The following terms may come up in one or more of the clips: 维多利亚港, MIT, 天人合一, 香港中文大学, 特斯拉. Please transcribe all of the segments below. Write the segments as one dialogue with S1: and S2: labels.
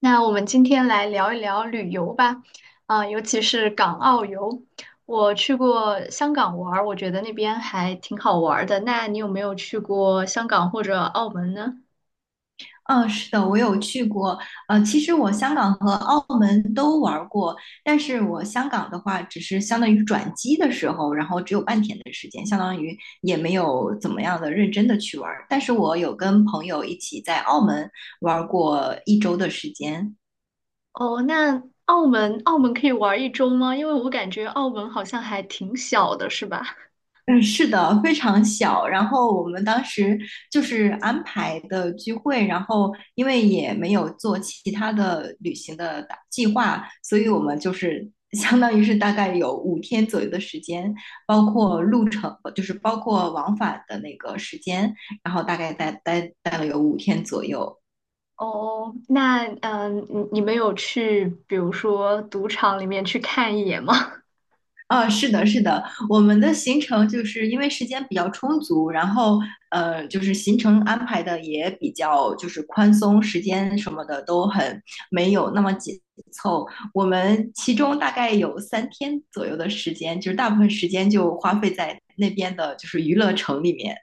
S1: 那我们今天来聊一聊旅游吧，尤其是港澳游。我去过香港玩儿，我觉得那边还挺好玩儿的。那你有没有去过香港或者澳门呢？
S2: 嗯，是的，我有去过。其实我香港和澳门都玩儿过，但是我香港的话，只是相当于转机的时候，然后只有半天的时间，相当于也没有怎么样的认真的去玩儿。但是我有跟朋友一起在澳门玩儿过1周的时间。
S1: 哦，那澳门可以玩一周吗？因为我感觉澳门好像还挺小的，是吧？
S2: 嗯，是的，非常小。然后我们当时就是安排的聚会，然后因为也没有做其他的旅行的打计划，所以我们就是 相当于是大概有五天左右的时间，包括路程，就是包括往返的那个时间，然后大概待了有五天左右。
S1: 哦，那你们有去，比如说赌场里面去看一眼吗？
S2: 啊，是的，是的，我们的行程就是因为时间比较充足，然后就是行程安排的也比较就是宽松，时间什么的都很没有那么紧凑。我们其中大概有3天左右的时间，就是大部分时间就花费在那边的就是娱乐城里面，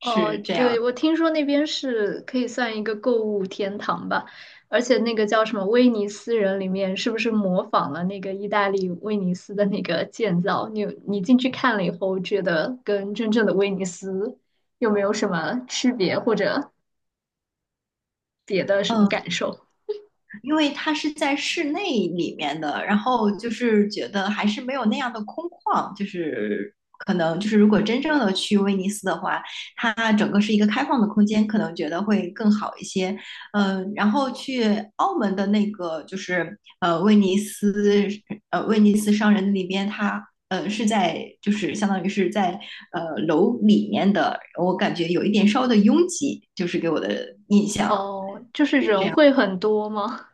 S1: 哦，
S2: 这
S1: 对，
S2: 样。
S1: 我听说那边是可以算一个购物天堂吧，而且那个叫什么威尼斯人里面，是不是模仿了那个意大利威尼斯的那个建造？你进去看了以后，觉得跟真正的威尼斯有没有什么区别，或者别的什么
S2: 嗯。
S1: 感受？
S2: 因为它是在室内里面的，然后就是觉得还是没有那样的空旷，就是可能就是如果真正的去威尼斯的话，它整个是一个开放的空间，可能觉得会更好一些。嗯，然后去澳门的那个就是威尼斯商人那边，它是在就是相当于是在楼里面的，我感觉有一点稍微的拥挤，就是给我的印象
S1: 哦，就是
S2: 是这
S1: 人
S2: 样。
S1: 会很多吗？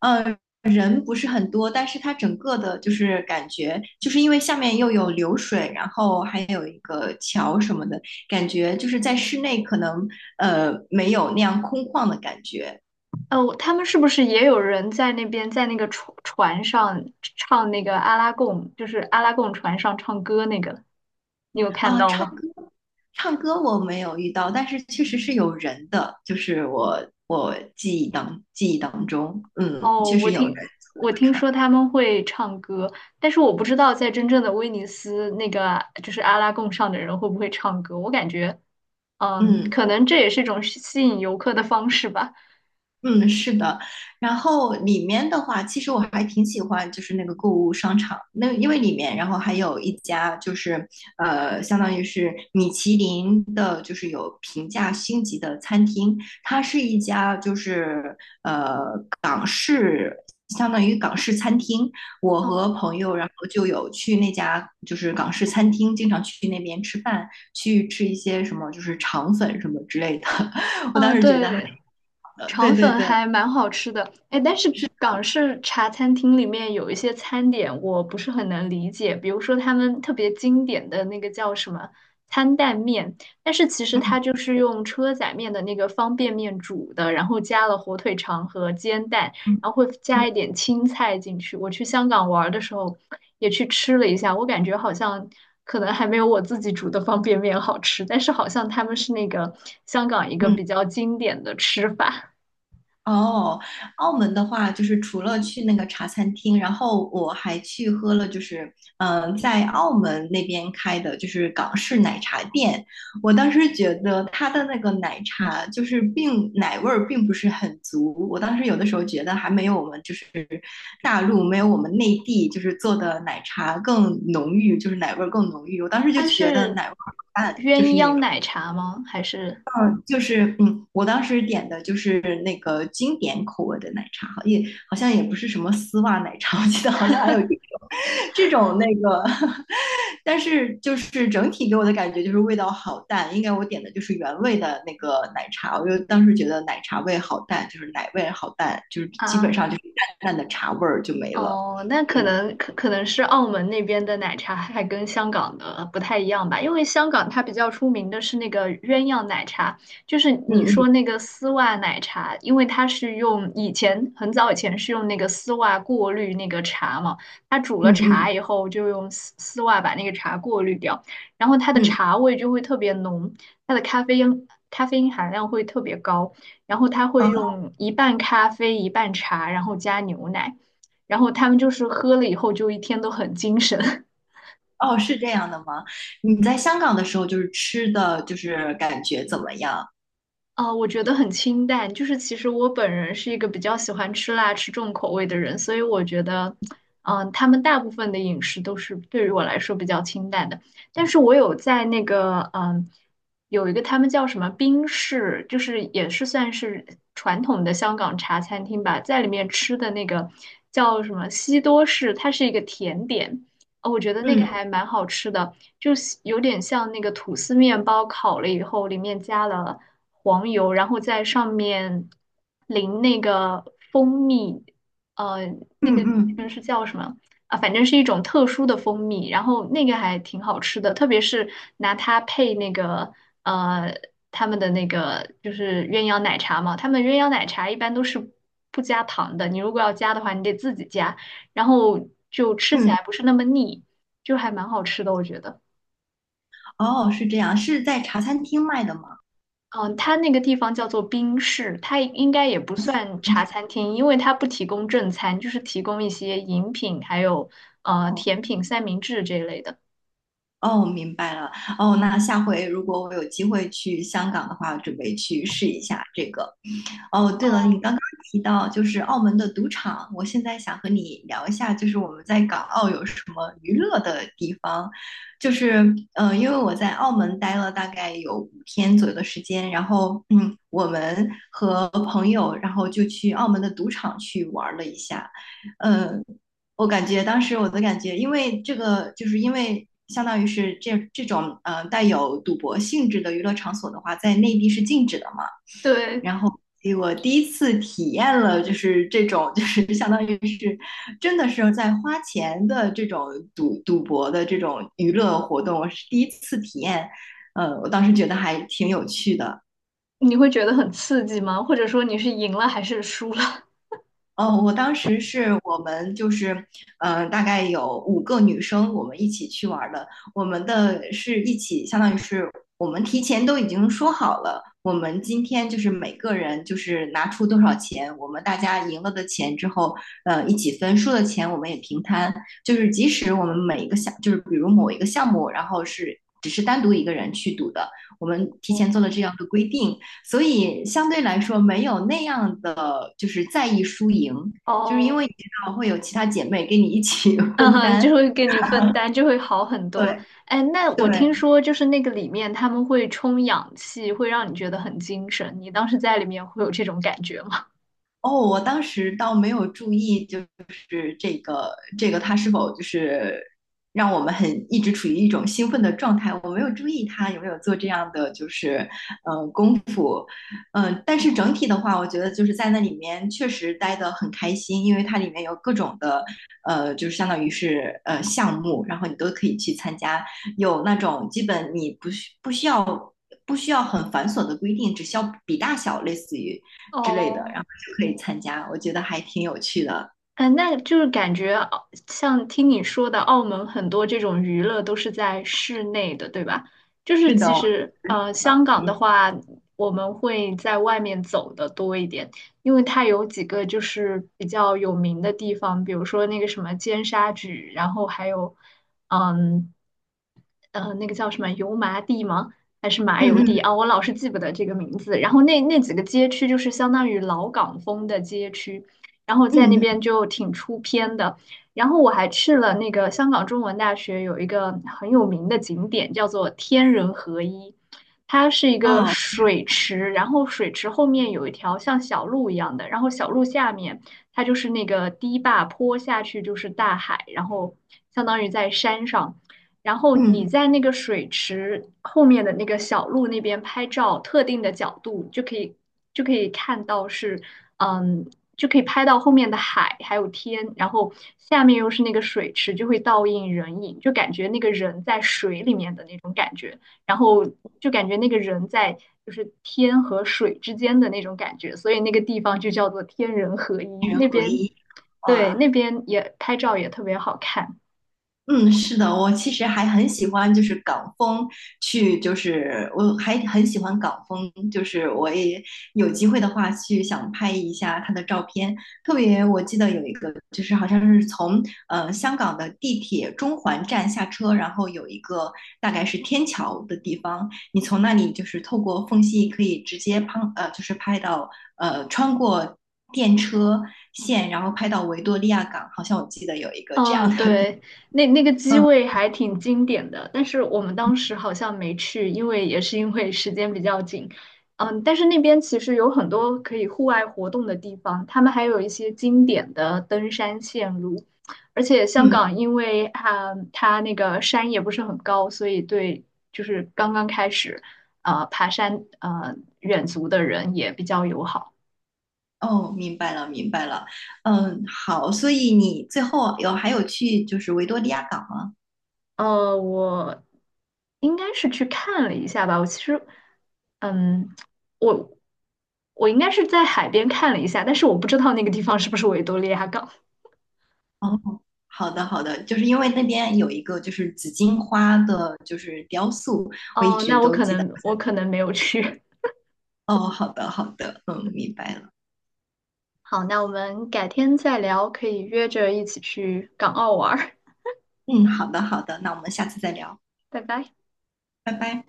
S2: 人不是很多，但是它整个的就是感觉，就是因为下面又有流水，然后还有一个桥什么的，感觉就是在室内可能没有那样空旷的感觉。
S1: 哦，他们是不是也有人在那边，在那个船上唱那个阿拉贡，就是阿拉贡船上唱歌那个？你有看
S2: 啊，
S1: 到
S2: 唱
S1: 吗？
S2: 歌，我没有遇到，但是确实是有人的，就是我记忆当中，
S1: 哦，
S2: 确
S1: 我
S2: 实有人
S1: 听
S2: 坐那
S1: 我
S2: 个
S1: 听
S2: 船。
S1: 说他们会唱歌，但是我不知道在真正的威尼斯那个就是阿拉贡上的人会不会唱歌。我感觉，嗯，
S2: 嗯。
S1: 可能这也是一种吸引游客的方式吧。
S2: 嗯，是的，然后里面的话，其实我还挺喜欢，就是那个购物商场，那因为里面，然后还有一家就是相当于是米其林的，就是有评价星级的餐厅，它是一家就是港式，相当于港式餐厅。我和
S1: 哦，
S2: 朋友，然后就有去那家就是港式餐厅，经常去那边吃饭，去吃一些什么就是肠粉什么之类的。我当
S1: 嗯，
S2: 时觉得还，
S1: 对。肠
S2: 对对
S1: 粉
S2: 对。
S1: 还蛮好吃的，哎，但是港式茶餐厅里面有一些餐点我不是很能理解，比如说他们特别经典的那个叫什么餐蛋面，但是其实它
S2: 嗯
S1: 就是用车仔面的那个方便面煮的，然后加了火腿肠和煎蛋，
S2: 嗯
S1: 然后会
S2: 嗯
S1: 加一点青菜进去。我去香港玩儿的时候也去吃了一下，我感觉好像。可能还没有我自己煮的方便面好吃，但是好像他们是那个香港一个
S2: 嗯，
S1: 比较经典的吃法。
S2: 哦，澳门的话，就是除了去那个茶餐厅，然后我还去喝了，就是在澳门那边开的，就是港式奶茶店。我当时觉得它的那个奶茶就是奶味儿并不是很足，我当时有的时候觉得还没有我们就是大陆没有我们内地就是做的奶茶更浓郁，就是奶味儿更浓郁。我当时就
S1: 它
S2: 觉得
S1: 是
S2: 奶味儿很淡，就
S1: 鸳
S2: 是那
S1: 鸯
S2: 种。
S1: 奶茶吗？还是
S2: 就是我当时点的就是那个经典口味的奶茶，好像也不是什么丝袜奶茶，我记得好像还有这种那个，但是就是整体给我的感觉就是味道好淡，应该我点的就是原味的那个奶茶，我就当时觉得奶茶味好淡，就是奶味好淡，就是基
S1: 啊？
S2: 本上就是淡淡的茶味儿就没了。
S1: 哦，那可
S2: 嗯
S1: 能可能是澳门那边的奶茶还跟香港的不太一样吧，因为香港它比较出名的是那个鸳鸯奶茶，就是你
S2: 嗯嗯
S1: 说那个丝袜奶茶，因为它是用以前很早以前是用那个丝袜过滤那个茶嘛，它煮了
S2: 嗯
S1: 茶
S2: 嗯
S1: 以后就用丝袜把那个茶过滤掉，然后它的
S2: 嗯，
S1: 茶味就会特别浓，它的咖啡因含量会特别高，然后它会
S2: 哦
S1: 用一半咖啡一半茶，然后加牛奶。然后他们就是喝了以后就一天都很精神。
S2: 哦，是这样的吗？你在香港的时候就是吃的就是感觉怎么样？
S1: 啊，我觉得很清淡，就是其实我本人是一个比较喜欢吃辣、吃重口味的人，所以我觉得，他们大部分的饮食都是对于我来说比较清淡的。但是我有在那个，有一个他们叫什么冰室，就是也是算是传统的香港茶餐厅吧，在里面吃的那个叫什么西多士，它是一个甜点，我觉得那个
S2: 嗯
S1: 还蛮好吃的，就是有点像那个吐司面包烤了以后，里面加了。黄油，然后在上面淋那个蜂蜜，呃，那
S2: 嗯
S1: 个那个
S2: 嗯。
S1: 是叫什么啊？反正是一种特殊的蜂蜜，然后那个还挺好吃的，特别是拿它配那个呃他们的那个就是鸳鸯奶茶嘛，他们鸳鸯奶茶一般都是不加糖的，你如果要加的话，你得自己加，然后就吃起
S2: 嗯，
S1: 来不是那么腻，就还蛮好吃的，我觉得。
S2: 哦，是这样，是在茶餐厅卖的吗？
S1: 嗯，它那个地方叫做冰室，它应该也不算茶餐厅，因为它不提供正餐，就是提供一些饮品，还有
S2: 哦，
S1: 甜品、三明治这一类的。
S2: 哦，明白了。哦，那下回如果我有机会去香港的话，我准备去试一下这个。哦，对了，
S1: 哦，
S2: 你刚刚提到就是澳门的赌场，我现在想和你聊一下，就是我们在港澳有什么娱乐的地方。就是，因为我在澳门待了大概有五天左右的时间，然后，我们和朋友，然后就去澳门的赌场去玩了一下。呃，我感觉当时我的感觉，因为这个，就是因为相当于是这种带有赌博性质的娱乐场所的话，在内地是禁止的嘛。
S1: 对，
S2: 然后所以我第一次体验了，就是这种，就是 相当于是真的是在花钱的这种赌博的这种娱乐活动，我是第一次体验，我当时觉得还挺有趣的。
S1: 你会觉得很刺激吗？或者说你是赢了还是输了？
S2: 哦，我当时是我们就是，大概有5个女生，我们一起去玩儿的。我们的是一起，相当于是我们提前都已经说好了，我们今天就是每个人就是拿出多少钱，我们大家赢了的钱之后，一起分，输的钱我们也平摊。就是即使我们每一个项，就是比如某一个项目，然后是只是单独一个人去赌的，我们提前做了这样的规定，所以相对来说没有那样的就是在意输赢，就是因
S1: 哦，
S2: 为你知道会有其他姐妹跟你一起
S1: 嗯
S2: 分
S1: 哼，
S2: 担。
S1: 就会给你分担，就会好很多。
S2: 对
S1: 哎，那我听
S2: 对，
S1: 说就是那个里面他们会充氧气，会让你觉得很精神。你当时在里面会有这种感觉吗？
S2: 哦，我当时倒没有注意，就是这个它是否就是让我们很一直处于一种兴奋的状态，我没有注意它有没有做这样的就是功夫，但是整体的话，我觉得就是在那里面确实待得很开心，因为它里面有各种的就是相当于是项目，然后你都可以去参加，有那种基本你不需要。不需要很繁琐的规定，只需要比大小，类似于之类的，
S1: 哦。
S2: 可以参加，我觉得还挺有趣的。
S1: 那就是感觉澳像听你说的，澳门很多这种娱乐都是在室内的，对吧？就是
S2: 是的，
S1: 其
S2: 我
S1: 实，
S2: 觉得是
S1: 香
S2: 的，
S1: 港的话，我们会在外面走的多一点，因为它有几个就是比较有名的地方，比如说那个什么尖沙咀，然后还有，嗯，那个叫什么油麻地吗？还是麻
S2: 嗯
S1: 油地
S2: 嗯
S1: 啊？我老是记不得这个名字。然后那几个街区就是相当于老港风的街区，然后在那
S2: 嗯
S1: 边就挺出片的。然后我还去了那个香港中文大学有一个很有名的景点，叫做天人合一，它是一个
S2: 嗯，哦，
S1: 水池，然后水池后面有一条像小路一样的，然后小路下面它就是那个堤坝，坡下去就是大海，然后相当于在山上。然后你
S2: 嗯，
S1: 在那个水池后面的那个小路那边拍照，特定的角度就可以看到是，嗯，就可以拍到后面的海还有天，然后下面又是那个水池，就会倒映人影，就感觉那个人在水里面的那种感觉，然后就感觉那个人在就是天和水之间的那种感觉，所以那个地方就叫做天人合一。
S2: 人
S1: 那
S2: 合
S1: 边
S2: 一，
S1: 对
S2: 哇，
S1: 那边也拍照也特别好看。
S2: 嗯，是的，我其实还很喜欢，就是港风去，就是我还很喜欢港风，就是我也有机会的话去想拍一下他的照片。特别我记得有一个，就是好像是从香港的地铁中环站下车，然后有一个大概是天桥的地方，你从那里就是透过缝隙可以直接拍，就是拍到穿过电车线，然后拍到维多利亚港，好像我记得有一个这样
S1: 嗯，
S2: 的地。
S1: 对，那那个机位还挺经典的，但是我们当时好像没去，因为也是因为时间比较紧。嗯，但是那边其实有很多可以户外活动的地方，他们还有一些经典的登山线路，而且香
S2: 嗯，
S1: 港因为它那个山也不是很高，所以对就是刚刚开始爬山远足的人也比较友好。
S2: 哦，明白了，明白了。嗯，好，所以你最后还有去就是维多利亚港吗？
S1: 我应该是去看了一下吧。我其实，嗯，我我应该是在海边看了一下，但是我不知道那个地方是不是维多利亚港。
S2: 哦，好的，好的，就是因为那边有一个就是紫荆花的，就是雕塑，我一
S1: 哦，
S2: 直
S1: 那我
S2: 都
S1: 可
S2: 记得。
S1: 能没有去。
S2: 哦，好的，好的，嗯，明白了。
S1: 好，那我们改天再聊，可以约着一起去港澳玩儿。
S2: 嗯，好的，好的，那我们下次再聊，
S1: 拜拜。
S2: 拜拜。